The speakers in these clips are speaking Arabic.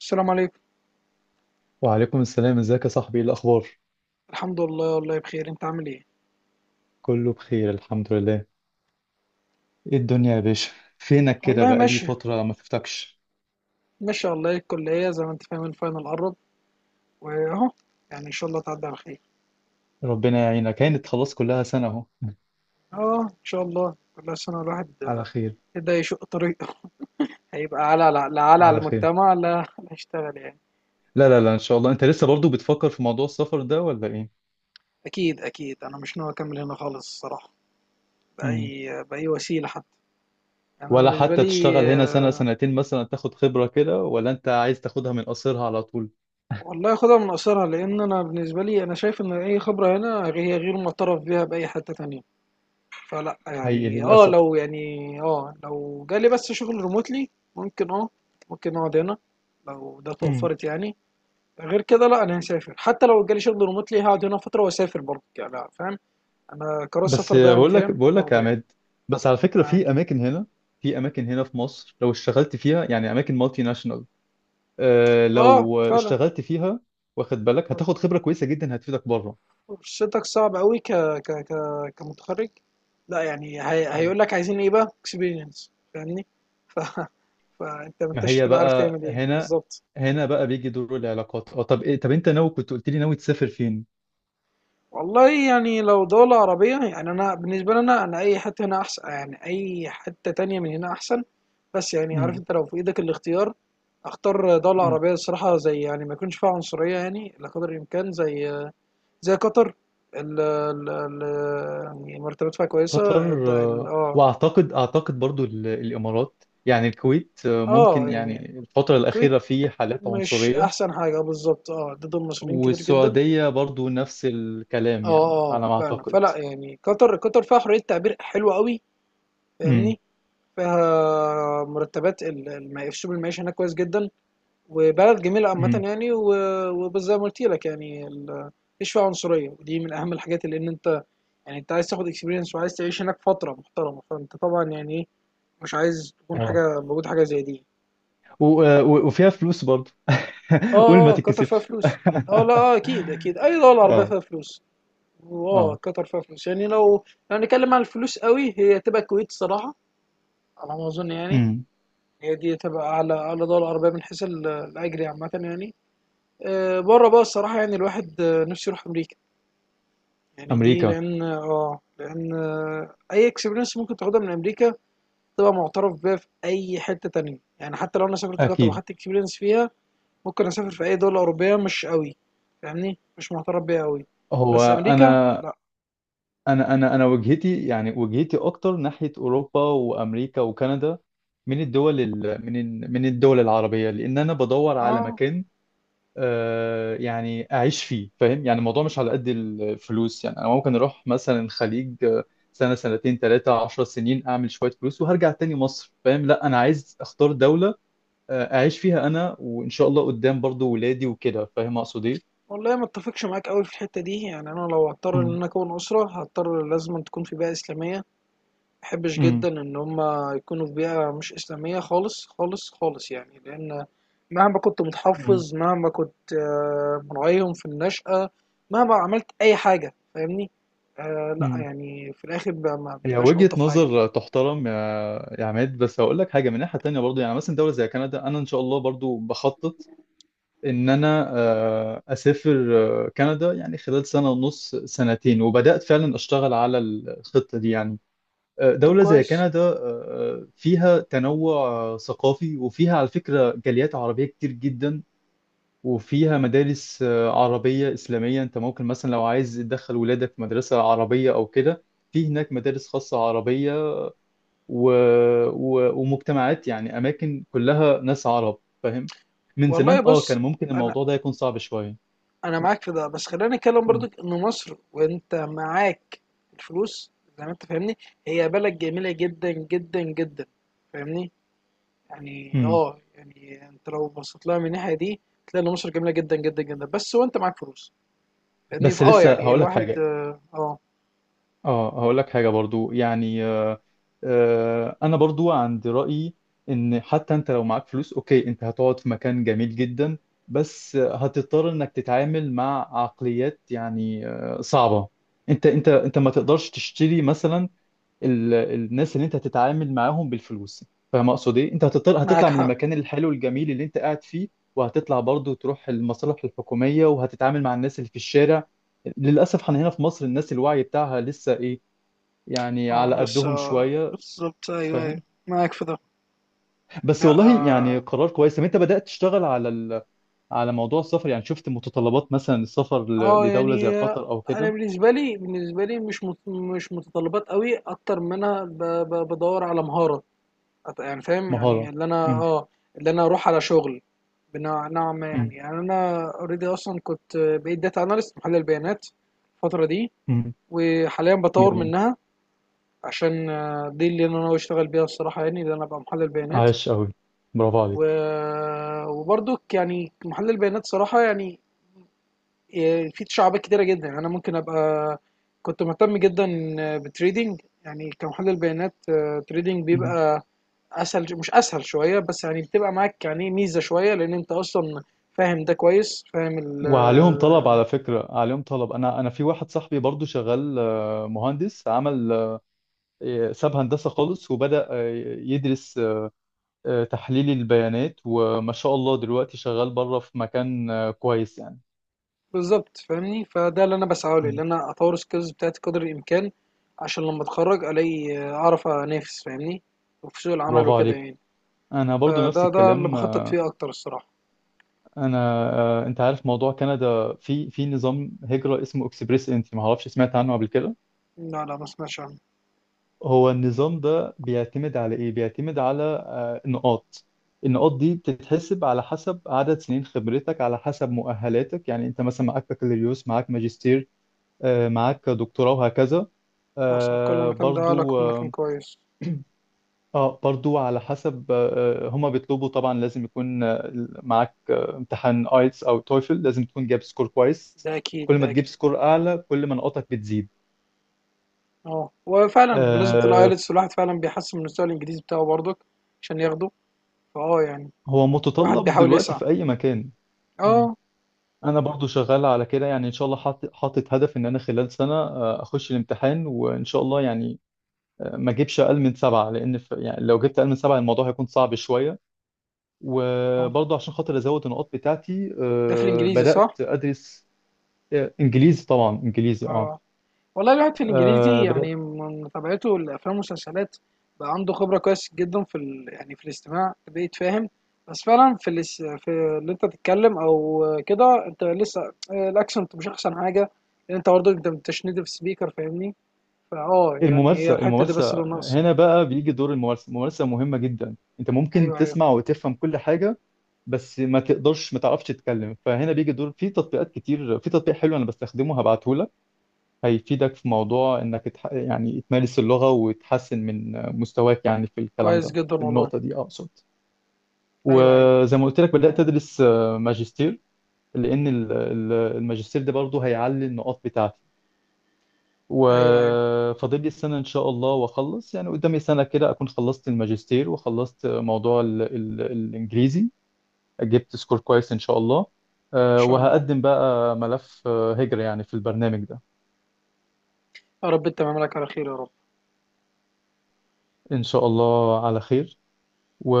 السلام عليكم. وعليكم السلام، ازيك يا صاحبي؟ ايه الاخبار؟ الحمد لله، والله بخير. انت عامل ايه؟ كله بخير الحمد لله. ايه الدنيا يا باشا؟ فينك كده؟ والله بقالي ماشي. فترة ما شفتكش. ماشي والله، الكلية زي ما انت فاهم الفاينل قرب. واهو، يعني ان شاء الله تعدي على خير. ربنا يعينك، كانت خلاص كلها سنة اهو. اه ان شاء الله، كل سنة الواحد على خير. ابتدى يشق طريقه. هيبقى على لا لا على على خير. المجتمع، لا لا هيشتغل يعني. لا لا لا، ان شاء الله. انت لسه برضو بتفكر في موضوع السفر ده ولا ايه؟ اكيد اكيد، انا مش ناوي اكمل هنا خالص الصراحة، مم. بأي وسيلة حتى. انا ولا بالنسبة حتى لي تشتغل هنا سنة سنتين مثلا، تاخد خبرة كده، ولا انت عايز تاخدها من قصرها على طول؟ والله خدها من قصرها، لان انا بالنسبة لي انا شايف ان اي خبرة هنا هي غير معترف بيها بأي حتة تانية. فلا حقيقي يعني اه للاسف. لو يعني اه لو جالي بس شغل ريموتلي، ممكن اه ممكن اقعد هنا لو ده مم. توفرت يعني. غير كده لا، انا هسافر. حتى لو جالي شغل ريموتلي هقعد هنا فتره واسافر برضه، يعني لا، فاهم؟ انا قرار بس السفر ده يعني بقول لك فاهم بقول لك يا اخده يعني. عماد. بس على فكرة، معاك. في اماكن هنا في مصر، لو اشتغلت فيها يعني اماكن مالتي ناشونال، اه لو فعلا. اشتغلت فيها، واخد بالك، هتاخد خبرة كويسة جدا هتفيدك بره. فرصتك صعبة قوي، كمتخرج. لا يعني مم. هيقول لك عايزين ايه بقى؟ اكسبيرينس، فاهمني؟ ف... فانت ما ما انتش هي هتبقى عارف بقى تعمل ايه هنا، بالظبط. بقى بيجي دور العلاقات. اه طب إيه، طب انت ناوي؟ كنت قلت لي ناوي تسافر فين؟ والله يعني لو دولة عربية، يعني أنا بالنسبة لي، أنا أي حتة هنا أحسن، يعني أي حتة تانية من هنا أحسن. بس يعني عارف، مم. أنت لو في إيدك الاختيار أختار دولة مم. عربية الصراحة، زي يعني ما يكونش فيها عنصرية يعني، إلى قدر الإمكان، زي زي قطر. ال ال ال يعني مرتبات فيها كويسة. قطر. الد- ال اه واعتقد برضو ال- الامارات، يعني الكويت اه ممكن، يعني يعني الفترة الكويت الأخيرة في حالات مش عنصرية. أحسن حاجة، بالظبط، اه ضد المصريين كتير جدا. والسعودية برضو نفس الكلام، يعني اه. اه على ما فعلا، أعتقد. فلا يعني، قطر قطر فيها حرية تعبير حلوة قوي، مم. فاهمني؟ فيها مرتبات. اسلوب المعيشه هناك كويس جدا، وبلد جميله عامه مم. يعني. وبس زي ما قلت لك يعني، مفيش فيها عنصريه، ودي من اهم الحاجات اللي ان انت يعني انت عايز تاخد اكسبيرينس، وعايز تعيش هناك فتره محترمه، فانت طبعا يعني ايه، مش عايز تكون اه. حاجه موجود حاجه زي دي. و... وفيها فلوس برضه. قول، اه. ما اه قطر فيها تتكسفش. فلوس. اه لا، اه اكيد اكيد، اي دوله عربيه اه. فيها فلوس. واه اه. قطر فيها فلوس، يعني لو لو هنتكلم عن الفلوس قوي هي تبقى الكويت الصراحه، على ما اظن يعني. امم هي دي تبقى على دول العربية من حيث الأجر عامة يعني. بره بقى الصراحة، يعني الواحد نفسه يروح أمريكا، يعني دي امريكا. لأن اه لأن أي اكسبيرينس ممكن تاخدها من أمريكا تبقى معترف بيها في أي حتة تانية. يعني حتى لو أنا سافرت قطر اكيد. وأخدت اكسبيرينس فيها، ممكن أسافر في أي دولة أوروبية، مش قوي فاهمني مش معترف بيها قوي. هو بس أمريكا انا لأ. انا انا انا وجهتي، يعني وجهتي اكتر ناحيه اوروبا وامريكا وكندا، من الدول ال... من ال... من الدول العربيه، لان انا بدور على اه مكان يعني اعيش فيه، فاهم؟ يعني الموضوع مش على قد الفلوس، يعني انا ممكن اروح مثلا الخليج سنه سنتين 13 سنين، اعمل شويه فلوس وهرجع تاني مصر، فاهم؟ لا انا عايز اختار دوله اعيش فيها انا، وان شاء الله قدام برضو ولادي وكده، فاهم اقصد ايه؟ والله، ما اتفقش معاك قوي في الحتة دي. يعني أنا لو هضطر إن امم. أنا أكون أسرة، هضطر لازم تكون في بيئة إسلامية. ماباحبش امم. جدًا إن هم يكونوا في بيئة مش إسلامية خالص، خالص، خالص يعني، لإن مهما كنت امم. متحفّظ، مهما كنت مراعيهم في النشأة، مهما عملت أي حاجة، فاهمني؟ لأ امم. يعني في الآخر ما هي بتبقاش وجهة ألطف حاجة. نظر تحترم يا عماد، بس هقول لك حاجة من ناحية تانية برضو. يعني مثلا دولة زي كندا، أنا إن شاء الله برضو بخطط ان انا اسافر كندا، يعني خلال سنه ونص سنتين، وبدات فعلا اشتغل على الخطه دي يعني. طب دوله زي كويس. كندا فيها تنوع ثقافي، وفيها على فكره جاليات عربيه كتير جدا. وفيها مدارس عربيه اسلاميه، انت ممكن مثلا لو عايز تدخل ولادك في مدرسه عربيه او كده، في هناك مدارس خاصه عربيه و... ومجتمعات، يعني اماكن كلها ناس عرب، فاهم؟ من والله زمان اه بُص، كان ممكن أنا الموضوع ده يكون صعب شويه. معاك في ده، بس خلّينا نتكلم مم. برضك إن مصر، وأنت معاك الفلوس، زي ما أنت فاهمني، هي بلد جميلة جدًا، جدًا، جدًا، فاهمني؟ يعني مم. اه يعني انت لو بصيت لها من الناحيه دي، تلاقي ان مصر جميله جدا جدا جدا، بس وانت معاك فلوس. لان بس في اه لسه يعني هقول لك الواحد حاجه اه هقول لك حاجه برضو يعني. انا برضو عند رايي ان حتى انت لو معاك فلوس، اوكي، انت هتقعد في مكان جميل جدا، بس هتضطر انك تتعامل مع عقليات يعني صعبه. انت ما تقدرش تشتري مثلا ال- الناس اللي انت هتتعامل معاهم بالفلوس، فاهم اقصد ايه؟ انت هتطلع معاك هتطلع من حق. المكان الحلو الجميل اللي انت قاعد فيه، وهتطلع برضه تروح المصالح الحكوميه، وهتتعامل مع الناس اللي في الشارع. للاسف احنا هنا في مصر الناس الوعي بتاعها لسه ايه، يعني اه على لسه، قدهم شويه، بالظبط ايوه، أيوة، فاهم؟ معاك في ده. بس لا والله يعني اه. قرار كويس. طب انت بدات تشتغل على على موضوع السفر؟ يعني شفت متطلبات مثلا السفر لدوله زي يعني قطر او انا كده؟ بالنسبه لي، بالنسبه لي مش مش متطلبات قوي، اكتر ما انا بدور على مهاره. يعني فاهم يعني، مهاره. اللي انا امم. اللي انا اروح على شغل بنوع نوع ما امم. يعني. يعني انا اوريدي اصلا كنت بقيت داتا اناليست، محلل بيانات الفتره دي، امم. وحاليا بطور جميل. منها عشان دي اللي انا ناوي اشتغل بيها الصراحه، يعني اللي انا ابقى محلل بيانات. عاش قوي. و... برافو وبرضك يعني محلل بيانات صراحه يعني، في تشعبات كتيره جدا، يعني انا ممكن ابقى كنت مهتم جدا بالتريدينج. يعني كمحلل بيانات، تريدينج عليك. بيبقى اسهل، مش اسهل شويه، بس يعني بتبقى معاك يعني ميزه شويه، لان انت اصلا فاهم ده كويس، فاهم وعليهم طلب، على فكرة عليهم طلب. أنا في واحد صاحبي برضو شغال مهندس، عمل ساب هندسة خالص، وبدأ يدرس تحليل البيانات، وما شاء الله دلوقتي شغال بره في مكان كويس يعني. بالظبط فاهمني. فده اللي انا بسعى له، ان مم. انا اطور السكيلز بتاعتي قدر الامكان، عشان لما اتخرج الاقي اعرف انافس، فاهمني؟ وفي سوق العمل برافو وكده عليك. يعني. أنا برضو نفس فده، ده اللي الكلام بخطط فيه اكتر الصراحه. أنا. أنت عارف موضوع كندا، في نظام هجرة اسمه اكسبريس انتري، ما أعرفش، سمعت عنه قبل كده؟ لا لا، ما سمعتش عنه. هو النظام ده بيعتمد على ايه؟ بيعتمد على نقاط. النقاط دي بتتحسب على حسب عدد سنين خبرتك، على حسب مؤهلاتك، يعني انت مثلا معاك بكالوريوس، معاك ماجستير معاك دكتوراه، وهكذا. مصر كل آه، مكان، ده برضو لك مكان اه كويس. برضو على حسب هما بيطلبوا طبعا لازم يكون معاك امتحان ايتس او تويفل، لازم تكون جايب سكور كويس. ده اكيد، كل ما ده تجيب اكيد. سكور اعلى كل ما نقاطك بتزيد. اه وفعلا بمناسبه آه، الايلتس، الواحد فعلا بيحسن من مستوى الانجليزي بتاعه برضك عشان ياخده، فاه يعني هو واحد متطلب بيحاول دلوقتي يسعى. في اي مكان. اه. انا برضو شغال على كده، يعني ان شاء الله حاطط هدف ان انا خلال سنه اخش الامتحان، وان شاء الله يعني ما اجيبش اقل من 7، لان يعني لو جبت اقل من 7 الموضوع هيكون صعب شويه. اه وبرضو عشان خاطر ازود النقاط بتاعتي ده في الانجليزي، بدات صح؟ ادرس انجليزي، طبعا انجليزي. اه والله الواحد في الانجليزي يعني، بدات. من متابعته الافلام والمسلسلات، بقى عنده خبره كويس جدا في يعني في الاستماع، بقيت فاهم. بس فعلا في في اللي انت تتكلم او كده، انت لسه الاكسنت مش احسن حاجه، لان انت برضه انت مش نيتف سبيكر، فاهمني؟ فاه يعني هي الممارسه الحته دي بس الممارسه، اللي ناقصه. هنا بقى بيجي دور الممارسه. الممارسه مهمه جدا، انت ممكن ايوه ايوه. تسمع وتفهم كل حاجه، بس ما تقدرش، ما تعرفش تتكلم. فهنا بيجي دور، في تطبيقات كتير، في تطبيق حلو انا بستخدمه، هبعته لك، هيفيدك في موضوع انك يعني تمارس اللغة وتحسن من مستواك، يعني في الكلام كويس ده، جدا في والله. النقطة دي اقصد. ايوه ايوه. وزي ما قلت لك بدأت ادرس ماجستير، لان الماجستير ده برضه هيعلي النقاط بتاعتي. ايوه ايوه ان وفاضل لي سنة إن شاء الله وأخلص، يعني قدامي سنة كده أكون خلصت الماجستير وخلصت موضوع ال ال الإنجليزي، جبت سكور كويس ان شاء الله. شاء الله. وهقدم بقى ملف هجرة يعني في البرنامج ده، يا رب تمام لك على خير يا رب. ان شاء الله على خير. و...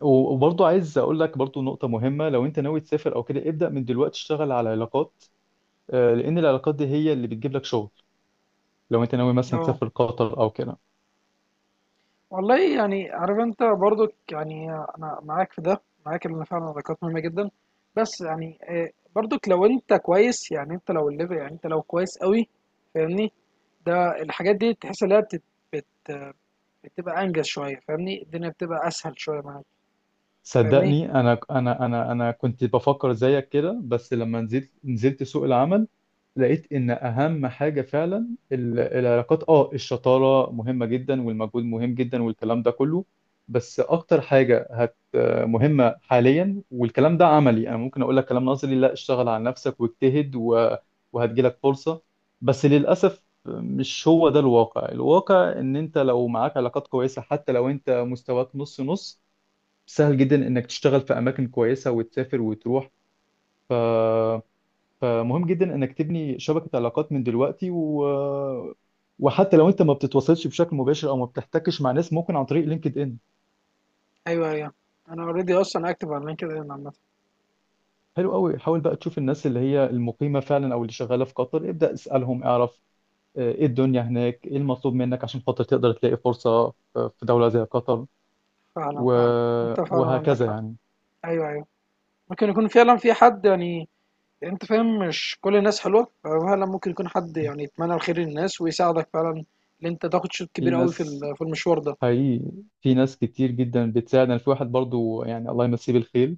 وبرضه عايز اقول لك برضه نقطة مهمة، لو انت ناوي تسافر او كده ابدأ من دلوقتي، اشتغل على علاقات، لان العلاقات دي هي اللي بتجيب لك شغل. لو انت ناوي مثلا اه تسافر قطر او كده، والله يعني عارف انت برضك، يعني انا معاك في ده، معاك ان فعلا العلاقات مهمه جدا، بس يعني برضك لو انت كويس، يعني انت لو الليفل، يعني انت لو كويس قوي فاهمني، ده الحاجات دي تحس ان هي بت- بتبقى انجز شويه، فاهمني؟ الدنيا بتبقى اسهل شويه معاك، فاهمني؟ صدقني انا، كنت بفكر زيك كده، بس لما نزلت سوق العمل، لقيت ان اهم حاجه فعلا ال- العلاقات. اه الشطاره مهمه جدا، والمجهود مهم جدا، والكلام ده كله، بس اكتر حاجه مهمه حاليا. والكلام ده عملي، انا ممكن اقول لك كلام نظري، لا، اشتغل على نفسك واجتهد وهتجيلك فرصه. بس للاسف مش هو ده الواقع، الواقع ان انت لو معاك علاقات كويسه، حتى لو انت مستواك نص نص، سهل جدا انك تشتغل في اماكن كويسه وتسافر وتروح. ف فمهم جدا انك تبني شبكة علاقات من دلوقتي، وحتى لو انت ما بتتواصلش بشكل مباشر او ما بتحتكش مع ناس، ممكن عن طريق لينكد ان. ايوه ايوه. انا اوريدي اصلا اكتب على لينكد ان عامه. حلو قوي، حاول بقى تشوف الناس اللي هي المقيمة فعلا او اللي شغالة في قطر، ابدأ اسألهم، اعرف ايه الدنيا هناك، ايه المطلوب منك عشان خاطر تقدر تلاقي فرصة في دولة زي قطر، فعلا و... فعلا. انت فعلا عندك وهكذا حق. يعني. ايوه ايوه، ممكن يكون فعلا في حد يعني، يعني انت فاهم، مش كل الناس حلوه، ففعلا ممكن يكون حد يعني يتمنى الخير للناس ويساعدك فعلا، ان انت تاخد شوط في كبير قوي في ناس في المشوار ده. حقيقي في ناس كتير جدا بتساعد. انا في واحد برضو، يعني الله يمسيه بالخير،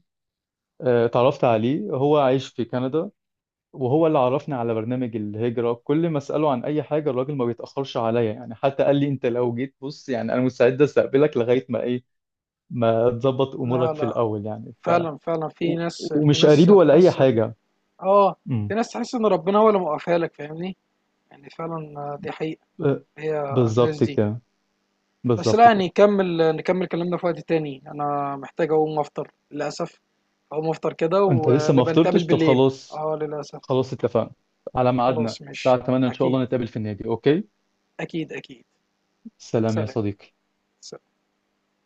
اتعرفت عليه، هو عايش في كندا، وهو اللي عرفني على برنامج الهجرة. كل ما أسأله عن أي حاجة الراجل ما بيتأخرش عليا، يعني حتى قال لي أنت لو جيت بص، يعني أنا مستعد أستقبلك لغاية ما إيه، ما تظبط لا أمورك في لا، الأول يعني. فعلا فعلا. في ناس، في ومش ناس قريبي ولا أي تحس حاجة. اه في امم. ناس تحس ان ربنا هو اللي موقفها لك، فاهمني؟ يعني فعلا، دي حقيقه. ب- هي الناس بالظبط دي. كده، بس لا بالظبط يعني، كده. نكمل كلامنا في وقت تاني، انا محتاج اقوم افطر للاسف. اقوم افطر كده، أنت لسه ما ونبقى نتقابل فطرتش؟ طب بالليل. خلاص. اه للاسف. خلاص اتفقنا على خلاص ميعادنا الساعة ماشي. 8 إن شاء اكيد. الله، نتقابل في النادي. أوكي، اكيد اكيد. سلام يا سلام. صديقي.